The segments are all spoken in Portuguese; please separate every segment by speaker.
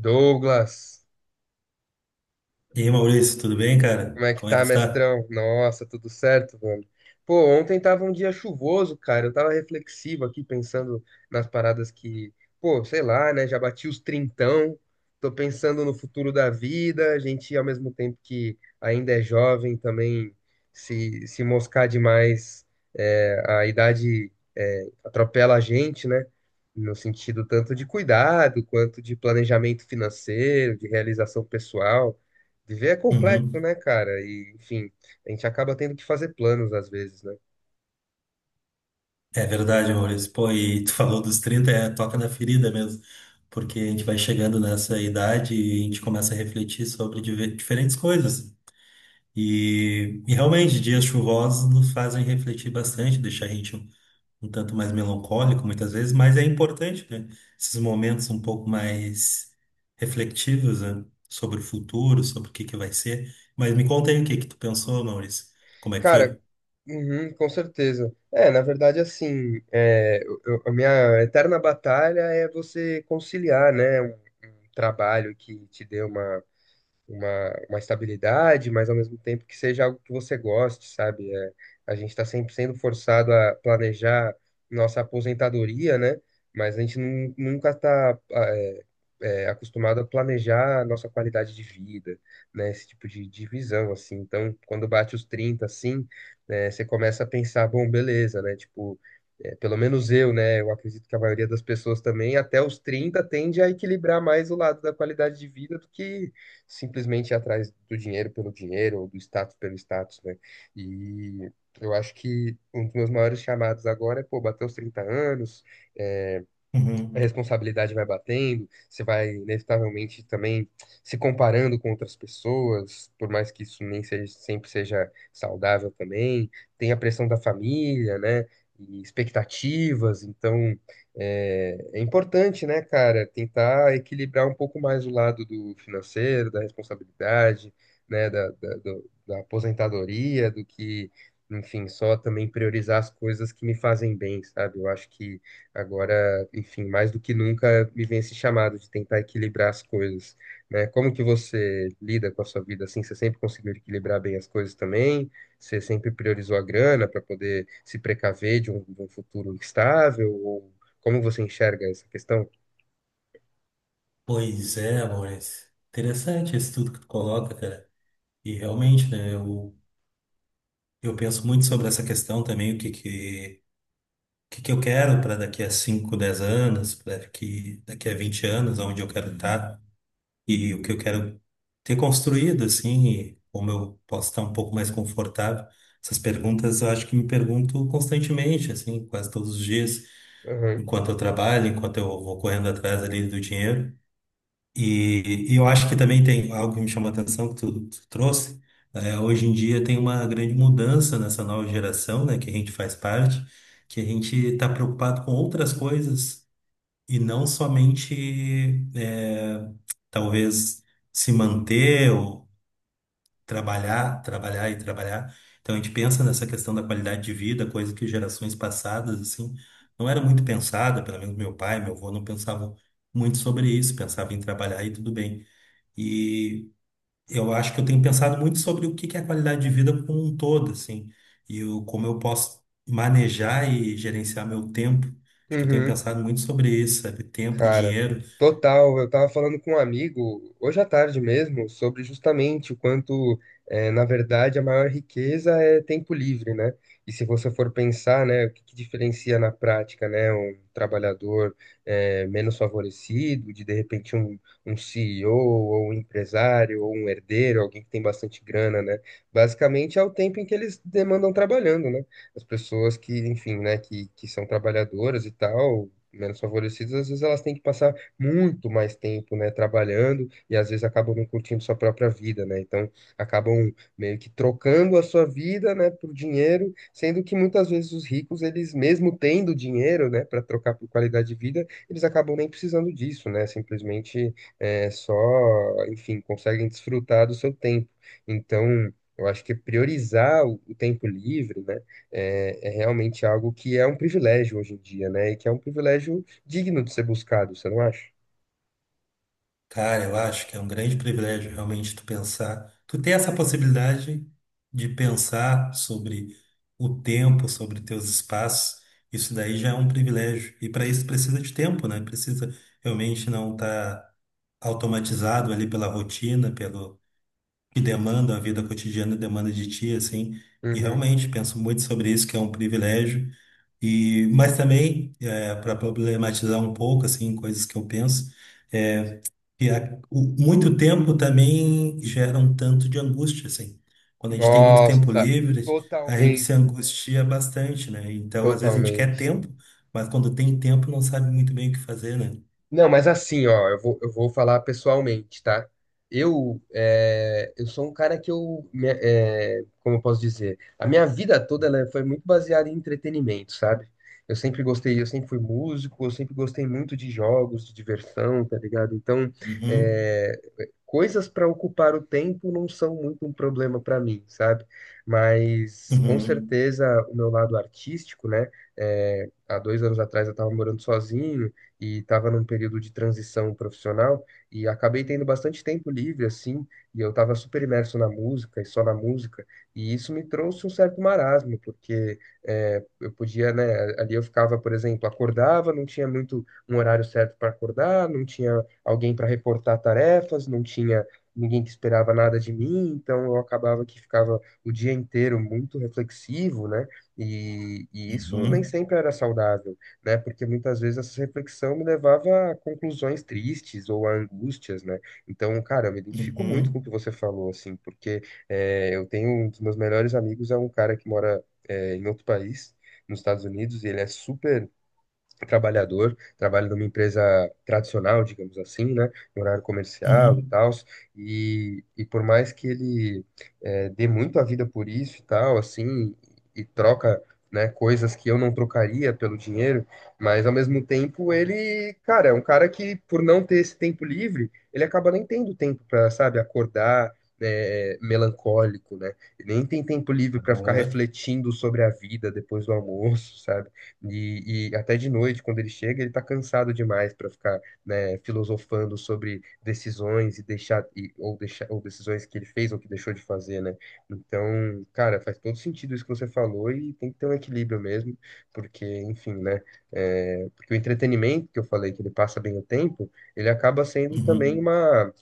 Speaker 1: Douglas,
Speaker 2: E aí, Maurício, tudo bem, cara?
Speaker 1: como é que
Speaker 2: Como é que
Speaker 1: tá,
Speaker 2: tu tá?
Speaker 1: mestrão? Nossa, tudo certo, mano? Pô, ontem tava um dia chuvoso, cara. Eu tava reflexivo aqui, pensando nas paradas que, pô, sei lá, né? Já bati os trintão, tô pensando no futuro da vida. A gente, ao mesmo tempo que ainda é jovem, também se moscar demais, a idade, atropela a gente, né? No sentido tanto de cuidado, quanto de planejamento financeiro, de realização pessoal. Viver é complexo,
Speaker 2: Uhum.
Speaker 1: né, cara? E, enfim, a gente acaba tendo que fazer planos às vezes, né?
Speaker 2: É verdade, Maurício. Pô, e tu falou dos 30, é toca na ferida mesmo, porque a gente vai chegando nessa idade e a gente começa a refletir sobre diferentes coisas. E realmente, dias chuvosos nos fazem refletir bastante, deixar a gente um tanto mais melancólico muitas vezes, mas é importante, né? Esses momentos um pouco mais reflexivos, né? Sobre o futuro, sobre o que que vai ser. Mas me conta aí o que que tu pensou, Maurício. Como é que
Speaker 1: Cara,
Speaker 2: foi?
Speaker 1: uhum, com certeza. É, na verdade, assim, é, a minha eterna batalha é você conciliar, né, um trabalho que te dê uma uma estabilidade, mas ao mesmo tempo que seja algo que você goste, sabe? É, a gente está sempre sendo forçado a planejar nossa aposentadoria, né? Mas a gente nunca está acostumado a planejar a nossa qualidade de vida, né? Esse tipo de divisão, assim. Então, quando bate os 30 assim, né, você começa a pensar, bom, beleza, né? Tipo, é, pelo menos eu, né? Eu acredito que a maioria das pessoas também, até os 30 tende a equilibrar mais o lado da qualidade de vida do que simplesmente ir atrás do dinheiro pelo dinheiro ou do status pelo status, né? E eu acho que um dos meus maiores chamados agora é, pô, bater os 30 anos, a
Speaker 2: Uhum.
Speaker 1: responsabilidade vai batendo, você vai inevitavelmente também se comparando com outras pessoas, por mais que isso nem seja, sempre seja saudável também, tem a pressão da família, né? E expectativas, então é, é importante, né, cara, tentar equilibrar um pouco mais o lado do financeiro, da responsabilidade, né, da aposentadoria, do que, enfim, só também priorizar as coisas que me fazem bem, sabe? Eu acho que agora, enfim, mais do que nunca me vem esse chamado de tentar equilibrar as coisas, né? Como que você lida com a sua vida assim? Você sempre conseguiu equilibrar bem as coisas também? Você sempre priorizou a grana para poder se precaver de um futuro instável? Ou como você enxerga essa questão?
Speaker 2: Pois é, Maurício. Interessante isso tudo que tu coloca, cara. E realmente, eu penso muito sobre essa questão também, o que que eu quero para daqui a 5, 10 anos, para daqui a 20 anos, onde eu quero estar, e o que eu quero ter construído, assim, e como eu posso estar um pouco mais confortável. Essas perguntas eu acho que me pergunto constantemente, assim, quase todos os dias,
Speaker 1: Uhum.
Speaker 2: enquanto eu trabalho, enquanto eu vou correndo atrás ali do dinheiro. E eu acho que também tem algo que me chamou a atenção que tu trouxe. É, hoje em dia tem uma grande mudança nessa nova geração, né, que a gente faz parte, que a gente está preocupado com outras coisas e não somente, é, talvez, se manter ou trabalhar, e trabalhar. Então a gente pensa nessa questão da qualidade de vida, coisa que gerações passadas, assim, não era muito pensada, pelo menos meu pai, meu avô não pensavam muito sobre isso, pensava em trabalhar e tudo bem. E eu acho que eu tenho pensado muito sobre o que que é a qualidade de vida como um todo, assim, e como eu posso manejar e gerenciar meu tempo. Acho que eu tenho
Speaker 1: Uhum.
Speaker 2: pensado muito sobre isso, sabe? Tempo e
Speaker 1: Cara,
Speaker 2: dinheiro.
Speaker 1: total. Eu tava falando com um amigo hoje à tarde mesmo sobre justamente o quanto, na verdade, a maior riqueza é tempo livre, né? E se você for pensar, né, o que que diferencia na prática, né, um trabalhador, menos favorecido, de repente um, um CEO ou um empresário ou um herdeiro, alguém que tem bastante grana, né? Basicamente é o tempo em que eles demandam trabalhando, né? As pessoas que, enfim, né, que são trabalhadoras e tal menos favorecidas, às vezes elas têm que passar muito mais tempo, né, trabalhando e às vezes acabam não curtindo sua própria vida, né? Então acabam meio que trocando a sua vida, né, por dinheiro, sendo que muitas vezes os ricos, eles mesmo tendo dinheiro, né, para trocar por qualidade de vida, eles acabam nem precisando disso, né? Simplesmente é, só, enfim, conseguem desfrutar do seu tempo. Então, eu acho que priorizar o tempo livre, né? É, é realmente algo que é um privilégio hoje em dia, né? E que é um privilégio digno de ser buscado, você não acha?
Speaker 2: Cara, eu acho que é um grande privilégio realmente tu pensar, tu ter essa possibilidade de pensar sobre o tempo, sobre teus espaços. Isso daí já é um privilégio. E para isso precisa de tempo, né? Precisa realmente não estar automatizado ali pela rotina, pelo que demanda, a vida cotidiana demanda de ti, assim. E
Speaker 1: Uhum.
Speaker 2: realmente penso muito sobre isso, que é um privilégio. E, mas também, para problematizar um pouco, assim, coisas que eu penso, é muito tempo também gera um tanto de angústia, assim. Quando a gente tem muito tempo
Speaker 1: Nossa,
Speaker 2: livre, a gente se
Speaker 1: totalmente, velho.
Speaker 2: angustia bastante, né? Então, às vezes a gente quer
Speaker 1: Totalmente.
Speaker 2: tempo, mas quando tem tempo não sabe muito bem o que fazer, né?
Speaker 1: Não, mas assim, ó, eu vou falar pessoalmente, tá? Eu, é, eu sou um cara que eu, é, como eu posso dizer, a minha vida toda ela foi muito baseada em entretenimento, sabe? Eu sempre gostei, eu sempre fui músico, eu sempre gostei muito de jogos, de diversão, tá ligado? Então,
Speaker 2: Uhum,
Speaker 1: é, coisas para ocupar o tempo não são muito um problema para mim, sabe? Mas, com
Speaker 2: uhum,
Speaker 1: certeza, o meu lado artístico, né? É, há 2 anos atrás eu estava morando sozinho, e estava num período de transição profissional e acabei tendo bastante tempo livre assim, e eu estava super imerso na música e só na música, e isso me trouxe um certo marasmo, porque é, eu podia, né, ali eu ficava, por exemplo, acordava, não tinha muito um horário certo para acordar, não tinha alguém para reportar tarefas, não tinha ninguém que esperava nada de mim, então eu acabava que ficava o dia inteiro muito reflexivo, né? E isso nem
Speaker 2: uhum,
Speaker 1: sempre era saudável, né? Porque muitas vezes essa reflexão me levava a conclusões tristes ou a angústias, né? Então, cara, eu me identifico muito com o que
Speaker 2: uhum,
Speaker 1: você falou, assim, porque é, eu tenho um dos meus melhores amigos, é um cara que mora é, em outro país, nos Estados Unidos, e ele é super trabalhador, trabalho numa empresa tradicional, digamos assim, né, no horário comercial e
Speaker 2: uhum,
Speaker 1: tal, e por mais que ele dê muito a vida por isso e tal, assim, e troca, né, coisas que eu não trocaria pelo dinheiro, mas ao mesmo tempo ele, cara, é um cara que por não ter esse tempo livre, ele acaba nem tendo tempo para, sabe, acordar, né, melancólico, né? Ele nem tem tempo livre para ficar
Speaker 2: uhum,
Speaker 1: refletindo sobre a vida depois do almoço, sabe? E até de noite, quando ele chega, ele está cansado demais para ficar, né, filosofando sobre decisões e deixar, e, ou deixar, ou decisões que ele fez ou que deixou de fazer, né? Então, cara, faz todo sentido isso que você falou e tem que ter um equilíbrio mesmo, porque, enfim, né? É, porque o entretenimento que eu falei, que ele passa bem o tempo, ele acaba sendo também
Speaker 2: uhum.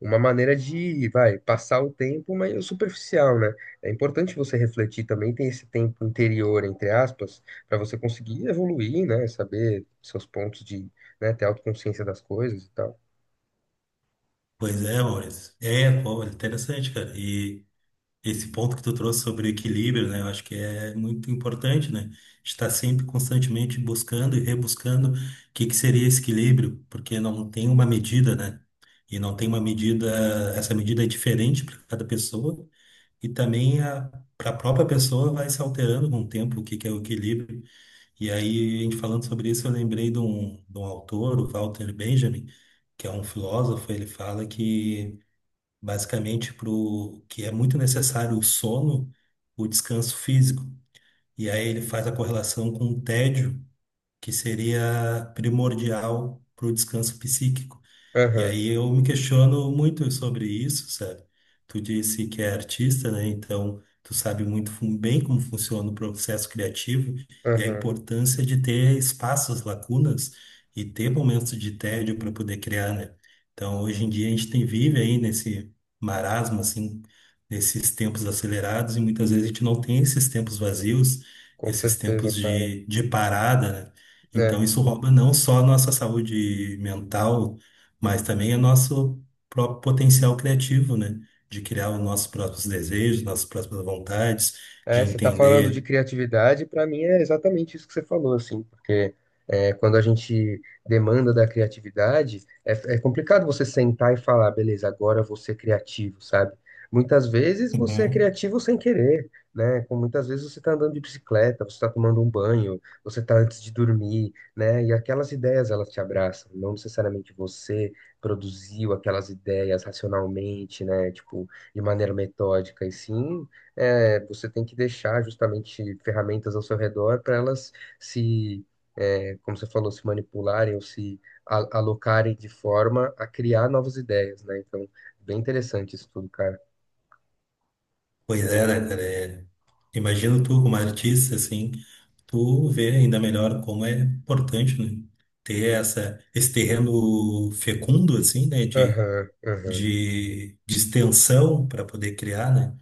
Speaker 1: uma maneira de, vai, passar o tempo, mas superficial, né? É importante você refletir também, tem esse tempo interior, entre aspas, para você conseguir evoluir, né? Saber seus pontos de, né, ter autoconsciência das coisas e tal.
Speaker 2: Pois é, Maurício. É, pô, interessante, cara. E esse ponto que tu trouxe sobre equilíbrio, né? Eu acho que é muito importante, né? Estar sempre constantemente buscando e rebuscando o que que seria esse equilíbrio, porque não tem uma medida, né? E não tem uma medida, essa medida é diferente para cada pessoa e também a para a própria pessoa vai se alterando com o tempo o que que é o equilíbrio. E aí, a gente falando sobre isso, eu lembrei de um autor, o Walter Benjamin, que é um filósofo, ele fala que basicamente para o que é muito necessário o sono, o descanso físico. E aí ele faz a correlação com o tédio, que seria primordial para o descanso psíquico. E
Speaker 1: Aham,
Speaker 2: aí eu me questiono muito sobre isso, sabe? Tu disse que é artista, né? Então tu sabe muito bem como funciona o processo criativo e a
Speaker 1: aham,
Speaker 2: importância de ter espaços, lacunas e ter momentos de tédio para poder criar, né? Então hoje em dia a gente tem vive aí nesse marasmo, assim, nesses tempos acelerados e muitas vezes a gente não tem esses tempos vazios,
Speaker 1: com
Speaker 2: esses
Speaker 1: certeza,
Speaker 2: tempos
Speaker 1: cara.
Speaker 2: de parada, né?
Speaker 1: É.
Speaker 2: Então isso rouba não só a nossa saúde mental mas também é nosso próprio potencial criativo, né? De criar os nossos próprios desejos, nossas próprias vontades, de
Speaker 1: É, você está falando de
Speaker 2: entender.
Speaker 1: criatividade, para mim é exatamente isso que você falou, assim, porque é, quando a gente demanda da criatividade, é, é complicado você sentar e falar, beleza, agora eu vou ser criativo, sabe? Muitas vezes você é
Speaker 2: Uhum.
Speaker 1: criativo sem querer, né? Com muitas vezes você está andando de bicicleta, você está tomando um banho, você está antes de dormir, né? E aquelas ideias elas te abraçam, não necessariamente você produziu aquelas ideias racionalmente, né? Tipo, de maneira metódica, e sim é, você tem que deixar justamente ferramentas ao seu redor para elas se, é, como você falou, se manipularem ou se alocarem de forma a criar novas ideias, né? Então, bem interessante isso tudo, cara.
Speaker 2: Pois é, né, cara? É, imagino tu como artista, assim, tu vê ainda melhor como é importante, né? Ter esse terreno fecundo, assim, né?
Speaker 1: Aham, aham.
Speaker 2: De extensão para poder criar, né?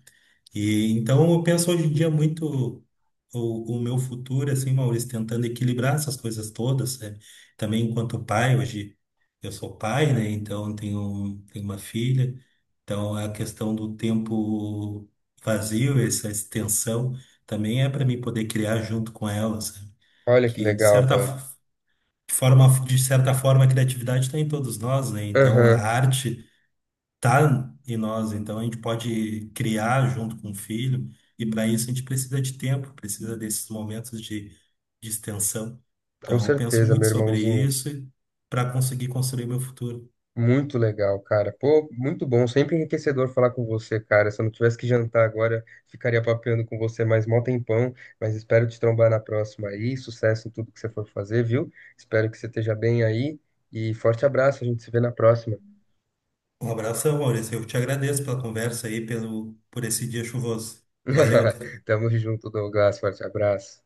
Speaker 2: E então eu penso hoje em dia muito o meu futuro, assim, Maurício, tentando equilibrar essas coisas todas, né? Também enquanto pai, hoje eu sou pai, né? Então eu tenho uma filha, então a questão do tempo vazio, essa extensão, também é para mim poder criar junto com ela, sabe?
Speaker 1: Olha que
Speaker 2: Que
Speaker 1: legal, velho.
Speaker 2: forma, de certa forma, a criatividade está em todos nós, né? Então a
Speaker 1: Aham,
Speaker 2: arte tá em nós, então a gente pode criar junto com o filho, e para isso a gente precisa de tempo, precisa desses momentos de extensão.
Speaker 1: com
Speaker 2: Então, eu penso
Speaker 1: certeza,
Speaker 2: muito
Speaker 1: meu
Speaker 2: sobre
Speaker 1: irmãozinho.
Speaker 2: isso para conseguir construir meu futuro.
Speaker 1: Muito legal, cara. Pô, muito bom. Sempre enriquecedor falar com você, cara. Se eu não tivesse que jantar agora, ficaria papeando com você mais mó tempão. Mas espero te trombar na próxima aí. Sucesso em tudo que você for fazer, viu? Espero que você esteja bem aí. E forte abraço. A gente se vê na próxima.
Speaker 2: Um abração, Maurício. Eu te agradeço pela conversa aí, pelo, por esse dia chuvoso. Valeu, cara.
Speaker 1: Tamo junto, Douglas. Forte abraço.